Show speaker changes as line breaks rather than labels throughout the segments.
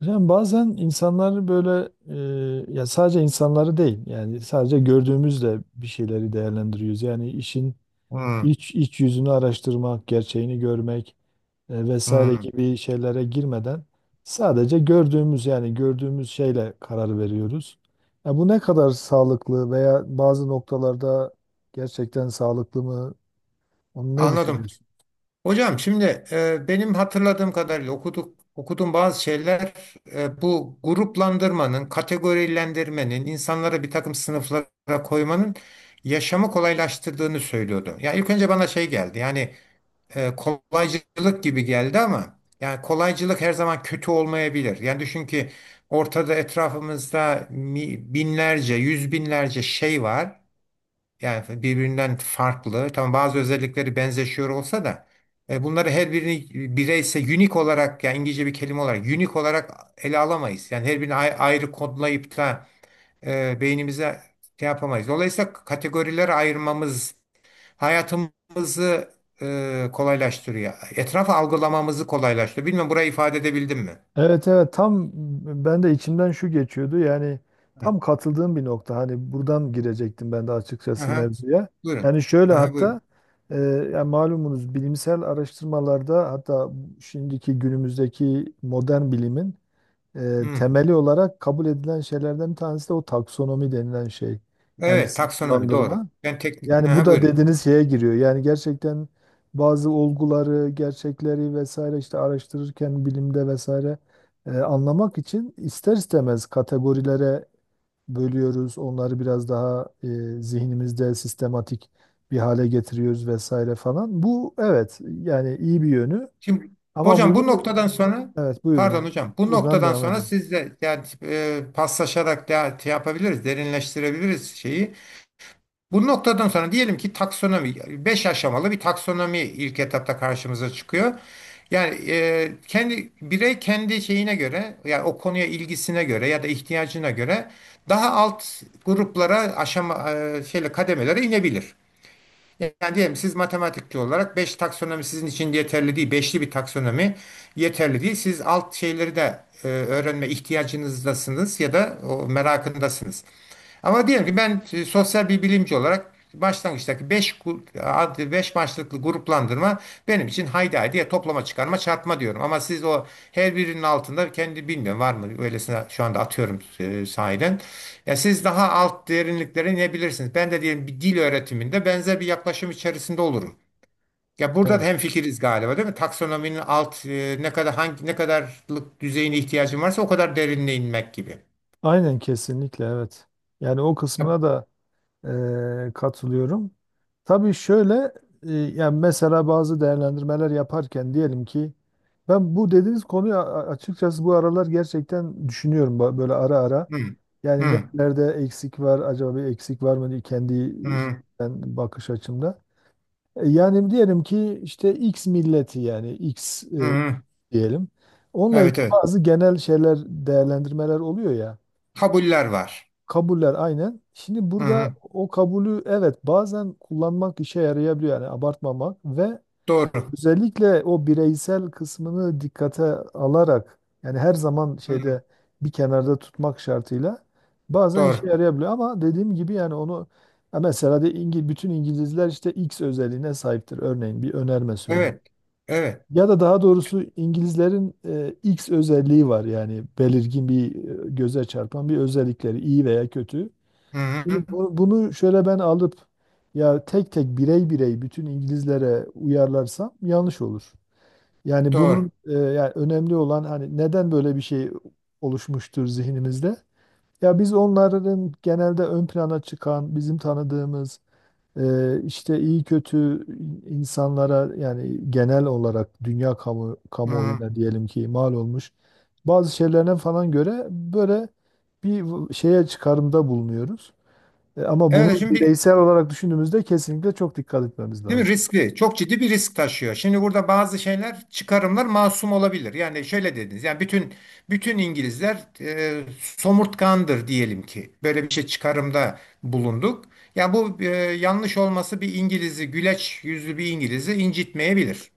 Yani bazen insanları böyle ya sadece insanları değil, yani sadece gördüğümüzle bir şeyleri değerlendiriyoruz. Yani işin
Hmm,
iç yüzünü araştırmak, gerçeğini görmek, vesaire
hmm.
gibi şeylere girmeden sadece gördüğümüz, yani gördüğümüz şeyle karar veriyoruz. Ya bu ne kadar sağlıklı veya bazı noktalarda gerçekten sağlıklı mı? Onu ne
Anladım.
düşünüyorsun?
Hocam şimdi benim hatırladığım kadarıyla okuduğum bazı şeyler bu gruplandırmanın, kategorilendirmenin, insanlara bir takım sınıflara koymanın yaşamı kolaylaştırdığını söylüyordu. Yani ilk önce bana şey geldi. Yani kolaycılık gibi geldi ama yani kolaycılık her zaman kötü olmayabilir. Yani düşün ki ortada etrafımızda binlerce, yüz binlerce şey var. Yani birbirinden farklı. Tamam, bazı özellikleri benzeşiyor olsa da bunları her birini unique olarak, yani İngilizce bir kelime olarak, unique olarak ele alamayız. Yani her birini ayrı kodlayıp da beynimize şey yapamayız. Dolayısıyla kategorilere ayırmamız hayatımızı kolaylaştırıyor. Etrafı algılamamızı kolaylaştırıyor. Bilmem burayı ifade edebildim mi?
Evet, evet, tam ben de içimden şu geçiyordu, yani
Hı.
tam katıldığım bir nokta, hani buradan girecektim ben de açıkçası
Aha,
mevzuya.
buyurun.
Yani şöyle,
Aha,
hatta
buyurun.
e, yani malumunuz bilimsel araştırmalarda, hatta şimdiki günümüzdeki modern bilimin
Hı.
temeli olarak kabul edilen şeylerden bir tanesi de o taksonomi denilen şey. Yani
Evet, taksonomi doğru.
sınıflandırma.
Ben teknik.
Yani bu
Aha,
da
buyurun.
dediğiniz şeye giriyor. Yani gerçekten bazı olguları, gerçekleri vesaire işte araştırırken bilimde vesaire, anlamak için ister istemez kategorilere bölüyoruz. Onları biraz daha, zihnimizde sistematik bir hale getiriyoruz vesaire falan. Bu evet, yani iyi bir yönü,
Şimdi
ama
hocam bu
bunu
noktadan sonra
evet,
pardon
buyurun,
hocam, bu
buradan
noktadan
devam
sonra
edin.
sizle yani paslaşarak da şey yapabiliriz, derinleştirebiliriz şeyi. Bu noktadan sonra diyelim ki taksonomi, 5 aşamalı bir taksonomi ilk etapta karşımıza çıkıyor. Yani kendi kendi şeyine göre, yani o konuya ilgisine göre ya da ihtiyacına göre daha alt gruplara, aşama şeyle kademelere inebilir. Yani diyelim siz matematikçi olarak 5 taksonomi sizin için yeterli değil. Beşli bir taksonomi yeterli değil. Siz alt şeyleri de öğrenme ihtiyacınızdasınız ya da o merakındasınız. Ama diyelim ki ben sosyal bir bilimci olarak başlangıçtaki 5 5 maçlıklı gruplandırma benim için haydi haydi, ya toplama, çıkarma, çarpma diyorum. Ama siz o her birinin altında, kendi bilmiyorum var mı öylesine, şu anda atıyorum sahiden. Ya siz daha alt derinlikleri ne bilirsiniz? Ben de diyelim bir dil öğretiminde benzer bir yaklaşım içerisinde olurum. Ya burada da
Evet.
hemfikiriz galiba, değil mi? Taksonominin alt ne kadar, hangi ne kadarlık düzeyine ihtiyacım varsa o kadar derinliğe inmek gibi.
Aynen, kesinlikle evet. Yani o
Ya-
kısmına da, katılıyorum. Tabii şöyle, yani mesela bazı değerlendirmeler yaparken diyelim ki ben bu dediğiniz konuyu açıkçası bu aralar gerçekten düşünüyorum, böyle ara ara.
Hı,
Yani
hı,
nerede eksik var, acaba bir eksik var mı diye kendi
hı,
ben bakış açımda. Yani diyelim ki işte X milleti, yani X,
hı, hı.
diyelim. Onunla ilgili
Evet, evet.
bazı genel şeyler, değerlendirmeler oluyor ya.
Kabuller var.
Kabuller aynen. Şimdi
Hı,
burada
hı.
o kabulü evet bazen kullanmak işe yarayabiliyor, yani abartmamak ve
Doğru.
özellikle o bireysel kısmını dikkate alarak, yani her zaman
Hı.
şeyde bir kenarda tutmak şartıyla bazen işe
Doğru.
yarayabiliyor, ama dediğim gibi yani onu ya mesela de İngil, bütün İngilizler işte X özelliğine sahiptir, örneğin bir önerme söyleyeyim.
Evet. Evet.
Ya da daha doğrusu İngilizlerin, X özelliği var, yani belirgin bir, göze çarpan bir özellikleri iyi veya kötü.
Hı-hı.
Şimdi bunu şöyle ben alıp ya tek tek, birey birey bütün İngilizlere uyarlarsam yanlış olur. Yani
Doğru.
bunun, yani önemli olan hani neden böyle bir şey oluşmuştur zihnimizde? Ya biz onların genelde ön plana çıkan, bizim tanıdığımız, işte iyi kötü insanlara, yani genel olarak dünya
Hı-hı.
kamuoyuna diyelim ki mal olmuş bazı şeylerine falan göre böyle bir şeye çıkarımda bulunuyoruz. Ama
Evet,
bunu
şimdi
bireysel olarak düşündüğümüzde kesinlikle çok dikkat etmemiz
değil mi,
lazım.
riskli. Çok ciddi bir risk taşıyor. Şimdi burada bazı şeyler, çıkarımlar masum olabilir. Yani şöyle dediniz. Yani bütün İngilizler somurtkandır diyelim ki. Böyle bir şey, çıkarımda bulunduk. Yani bu yanlış olması bir İngiliz'i, güleç yüzlü bir İngiliz'i incitmeyebilir.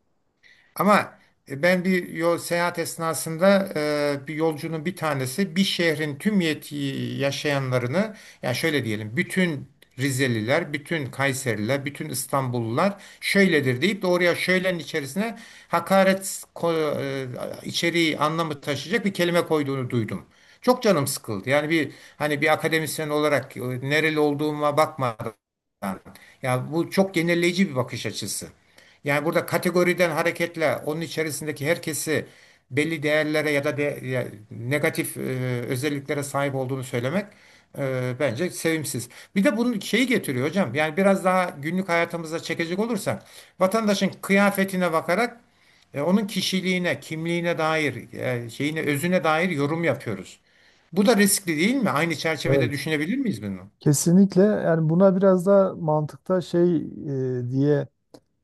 Ama ben bir yol, seyahat esnasında bir yolcunun, bir tanesi bir şehrin tüm yaşayanlarını, yani şöyle diyelim bütün Rizeliler, bütün Kayseriler, bütün İstanbullular şöyledir deyip de oraya, şöylenin içerisine hakaret içeriği, anlamı taşıyacak bir kelime koyduğunu duydum. Çok canım sıkıldı. Yani bir, hani bir akademisyen olarak nereli olduğuma bakmadan. Tamam. Ya bu çok genelleyici bir bakış açısı. Yani burada kategoriden hareketle onun içerisindeki herkesi belli değerlere ya da de, ya negatif özelliklere sahip olduğunu söylemek bence sevimsiz. Bir de bunun şeyi getiriyor hocam. Yani biraz daha günlük hayatımıza çekecek olursak vatandaşın kıyafetine bakarak onun kişiliğine, kimliğine dair, şeyine, özüne dair yorum yapıyoruz. Bu da riskli değil mi? Aynı çerçevede
Evet.
düşünebilir miyiz bunu?
Kesinlikle, yani buna biraz da mantıkta şey, diye,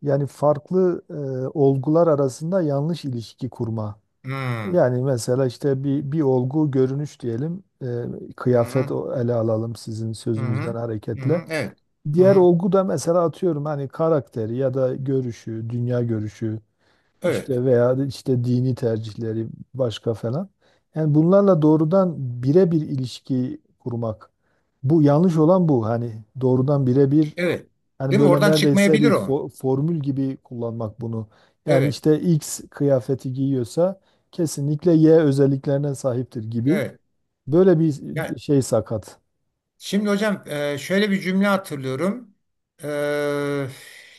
yani farklı, olgular arasında yanlış ilişki kurma.
Hmm.
Yani mesela işte bir olgu görünüş diyelim,
Hı
kıyafet,
hı.
ele alalım sizin
Hı
sözünüzden
hı. Hı hı.
hareketle.
Evet. Hı
Diğer
hı.
olgu da mesela atıyorum hani karakteri ya da görüşü, dünya görüşü
Evet.
işte veya işte dini tercihleri başka falan. Yani bunlarla doğrudan birebir ilişki kurmak. Bu yanlış olan, bu. Hani doğrudan birebir,
Evet.
hani
Değil mi?
böyle
Oradan
neredeyse
çıkmayabilir
bir
o.
formül gibi kullanmak bunu. Yani
Evet.
işte X kıyafeti giyiyorsa kesinlikle Y özelliklerine sahiptir gibi.
Evet.
Böyle bir
Ya,
şey sakat.
şimdi hocam şöyle bir cümle hatırlıyorum. E,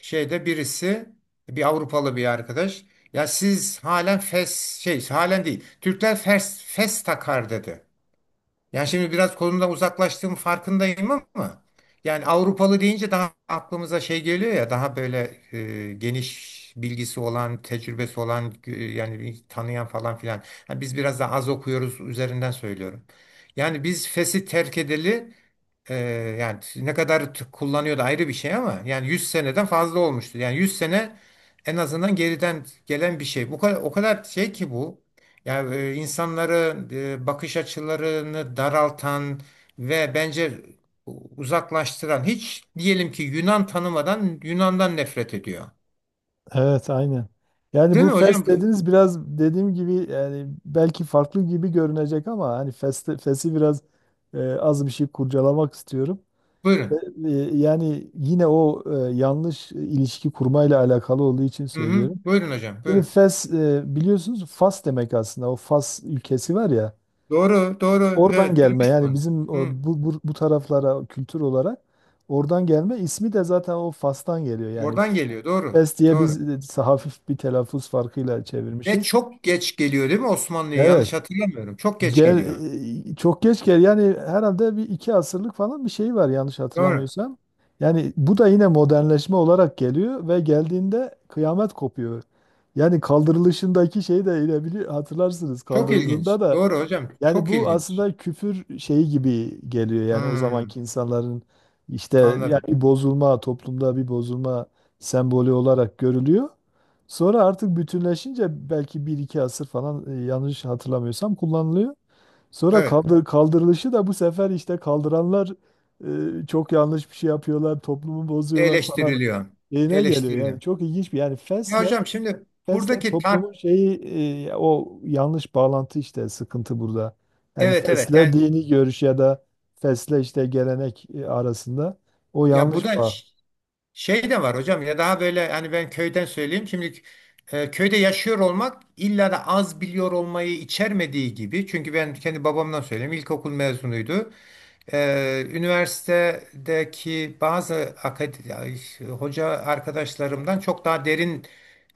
Şeyde birisi, bir Avrupalı bir arkadaş. Ya siz halen fes, şey, halen değil. Türkler fes fes takar dedi. Yani şimdi biraz konumdan uzaklaştığım farkındayım ama yani Avrupalı deyince daha aklımıza şey geliyor ya, daha böyle geniş bilgisi olan, tecrübesi olan yani bir tanıyan falan filan. Ha, biz biraz daha az okuyoruz üzerinden söylüyorum. Yani biz fes'i terk edeli ee, yani ne kadar kullanıyordu ayrı bir şey ama yani 100 seneden fazla olmuştu. Yani 100 sene en azından geriden gelen bir şey. Bu kadar, o kadar şey ki bu. Yani insanları, bakış açılarını daraltan ve bence uzaklaştıran, hiç diyelim ki Yunan tanımadan Yunan'dan nefret ediyor.
Evet, aynen. Yani
Değil
bu
mi hocam?
fes dediniz, biraz dediğim gibi yani belki farklı gibi görünecek, ama hani festi, fesi biraz, az bir şey kurcalamak istiyorum. E,
Buyurun.
e, Yani yine o, yanlış ilişki kurmayla alakalı olduğu için
Hı hı.
söylüyorum.
Buyurun hocam.
Şimdi
Buyurun.
fes, biliyorsunuz Fas demek aslında, o Fas ülkesi var ya,
Doğru, doğru.
oradan
Evet,
gelme,
duymuştum
yani
onu.
bizim o,
Hı.
bu taraflara kültür olarak oradan gelme, ismi de zaten o Fas'tan geliyor yani.
Oradan geliyor. Doğru.
Pes diye biz
Doğru.
e, hafif bir telaffuz farkıyla
Ve
çevirmişiz.
çok geç geliyor değil mi Osmanlı'ya? Yanlış
Evet.
hatırlamıyorum. Çok geç
Gel,
geliyor.
Çok geç gel. Yani herhalde bir iki asırlık falan bir şey var yanlış
Doğru.
hatırlamıyorsam. Yani bu da yine modernleşme olarak geliyor ve geldiğinde kıyamet kopuyor. Yani kaldırılışındaki şeyi de yine hatırlarsınız.
Çok ilginç.
Kaldırıldığında da
Doğru hocam.
yani
Çok
bu
ilginç.
aslında küfür şeyi gibi geliyor, yani o
Hmm,
zamanki insanların işte yani
anladım.
bir bozulma, toplumda bir bozulma sembolü olarak görülüyor. Sonra artık bütünleşince belki bir iki asır falan, yanlış hatırlamıyorsam kullanılıyor. Sonra
Evet.
kaldırılışı da bu sefer işte kaldıranlar, çok yanlış bir şey yapıyorlar, toplumu bozuyorlar falan
Eleştiriliyor.
şeyine geliyor. Yani
Eleştiriliyor.
çok ilginç bir yani
Ya
fesle.
hocam, şimdi
Fesle
buradaki
toplumun şeyi, o yanlış bağlantı, işte sıkıntı burada. Yani
evet, evet,
fesle
yani,
dini görüş ya da fesle işte gelenek, arasında o
ya bu
yanlış
da
bağ.
şey de var hocam, ya daha böyle hani ben köyden söyleyeyim şimdi köyde yaşıyor olmak illa da az biliyor olmayı içermediği gibi, çünkü ben kendi babamdan söyleyeyim, ilkokul mezunuydu. Üniversitedeki bazı akad- hoca arkadaşlarımdan çok daha derin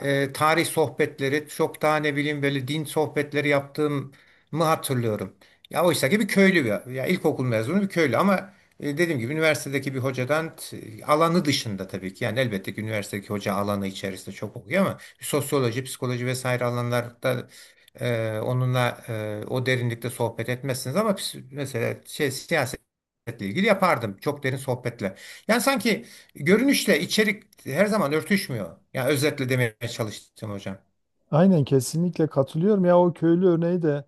tarih sohbetleri, çok daha ne bileyim böyle din sohbetleri yaptığımı hatırlıyorum. Ya oysa ki bir köylü bir, ya ilkokul mezunu bir köylü ama dediğim gibi üniversitedeki bir hocadan alanı dışında tabii ki, yani elbette ki üniversitedeki hoca alanı içerisinde çok okuyor ama sosyoloji, psikoloji vesaire alanlarda onunla o derinlikte sohbet etmezsiniz, ama mesela şey, siyasetle ilgili yapardım çok derin sohbetle. Yani sanki görünüşle içerik her zaman örtüşmüyor. Yani özetle demeye çalıştım hocam.
Aynen, kesinlikle katılıyorum ya, o köylü örneği de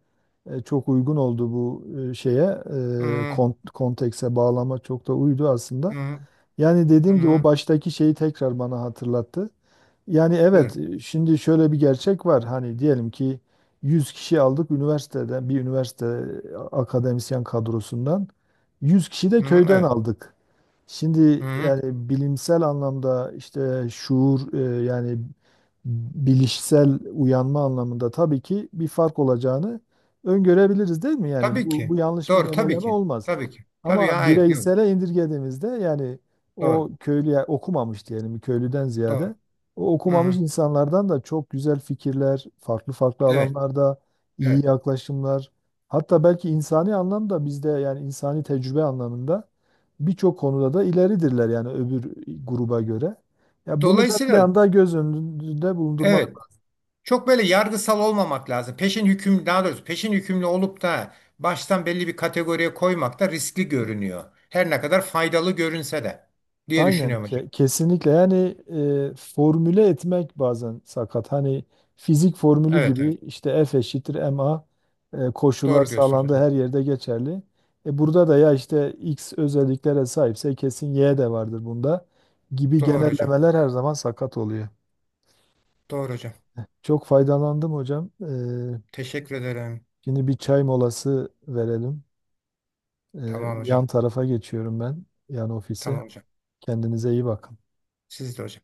e, çok uygun oldu, bu, şeye e,
Hı
kon- kontekse, bağlama çok da uydu aslında.
hı
Yani
hı.
dediğim gibi o
Hı.
baştaki şeyi tekrar bana hatırlattı. Yani evet,
Buyurun.
şimdi şöyle bir gerçek var. Hani diyelim ki 100 kişi aldık üniversiteden, bir üniversite akademisyen kadrosundan, 100 kişi de
Hı hı,
köyden
evet.
aldık. Şimdi
Hı hı.
yani bilimsel anlamda işte şuur, yani bilişsel uyanma anlamında tabii ki bir fark olacağını öngörebiliriz değil mi? Yani
Tabii
bu
ki.
yanlış bir
Doğru, tabii
genelleme
ki.
olmaz.
Tabii ki. Tabii ya,
Ama
hayır yok.
bireysele indirgediğimizde yani o
Doğru.
köylüye, okumamış diyelim, köylüden
Doğru.
ziyade o
Hı
okumamış
hı.
insanlardan da çok güzel fikirler, farklı farklı
Evet.
alanlarda iyi
Evet.
yaklaşımlar, hatta belki insani anlamda bizde, yani insani tecrübe anlamında birçok konuda da ileridirler yani öbür gruba göre. Ya bunu da bir
Dolayısıyla
anda göz önünde bulundurmak.
evet, çok böyle yargısal olmamak lazım. Peşin hüküm, daha doğrusu peşin hükümlü olup da baştan belli bir kategoriye koymak da riskli görünüyor. Her ne kadar faydalı görünse de, diye
Aynen
düşünüyorum hocam.
kesinlikle, yani, formüle etmek bazen sakat. Hani fizik formülü
Evet,
gibi
evet.
işte F eşittir ma, koşullar
Doğru diyorsunuz
sağlandığı
hocam.
her yerde geçerli. E, burada da ya işte x özelliklere sahipse kesin y de vardır bunda gibi
Doğru hocam.
genellemeler her zaman sakat oluyor.
Doğru hocam.
Çok faydalandım hocam.
Teşekkür ederim.
Şimdi bir çay molası verelim. E,
Tamam hocam.
Yan tarafa geçiyorum ben, yan ofise.
Tamam hocam.
Kendinize iyi bakın.
Siz de hocam.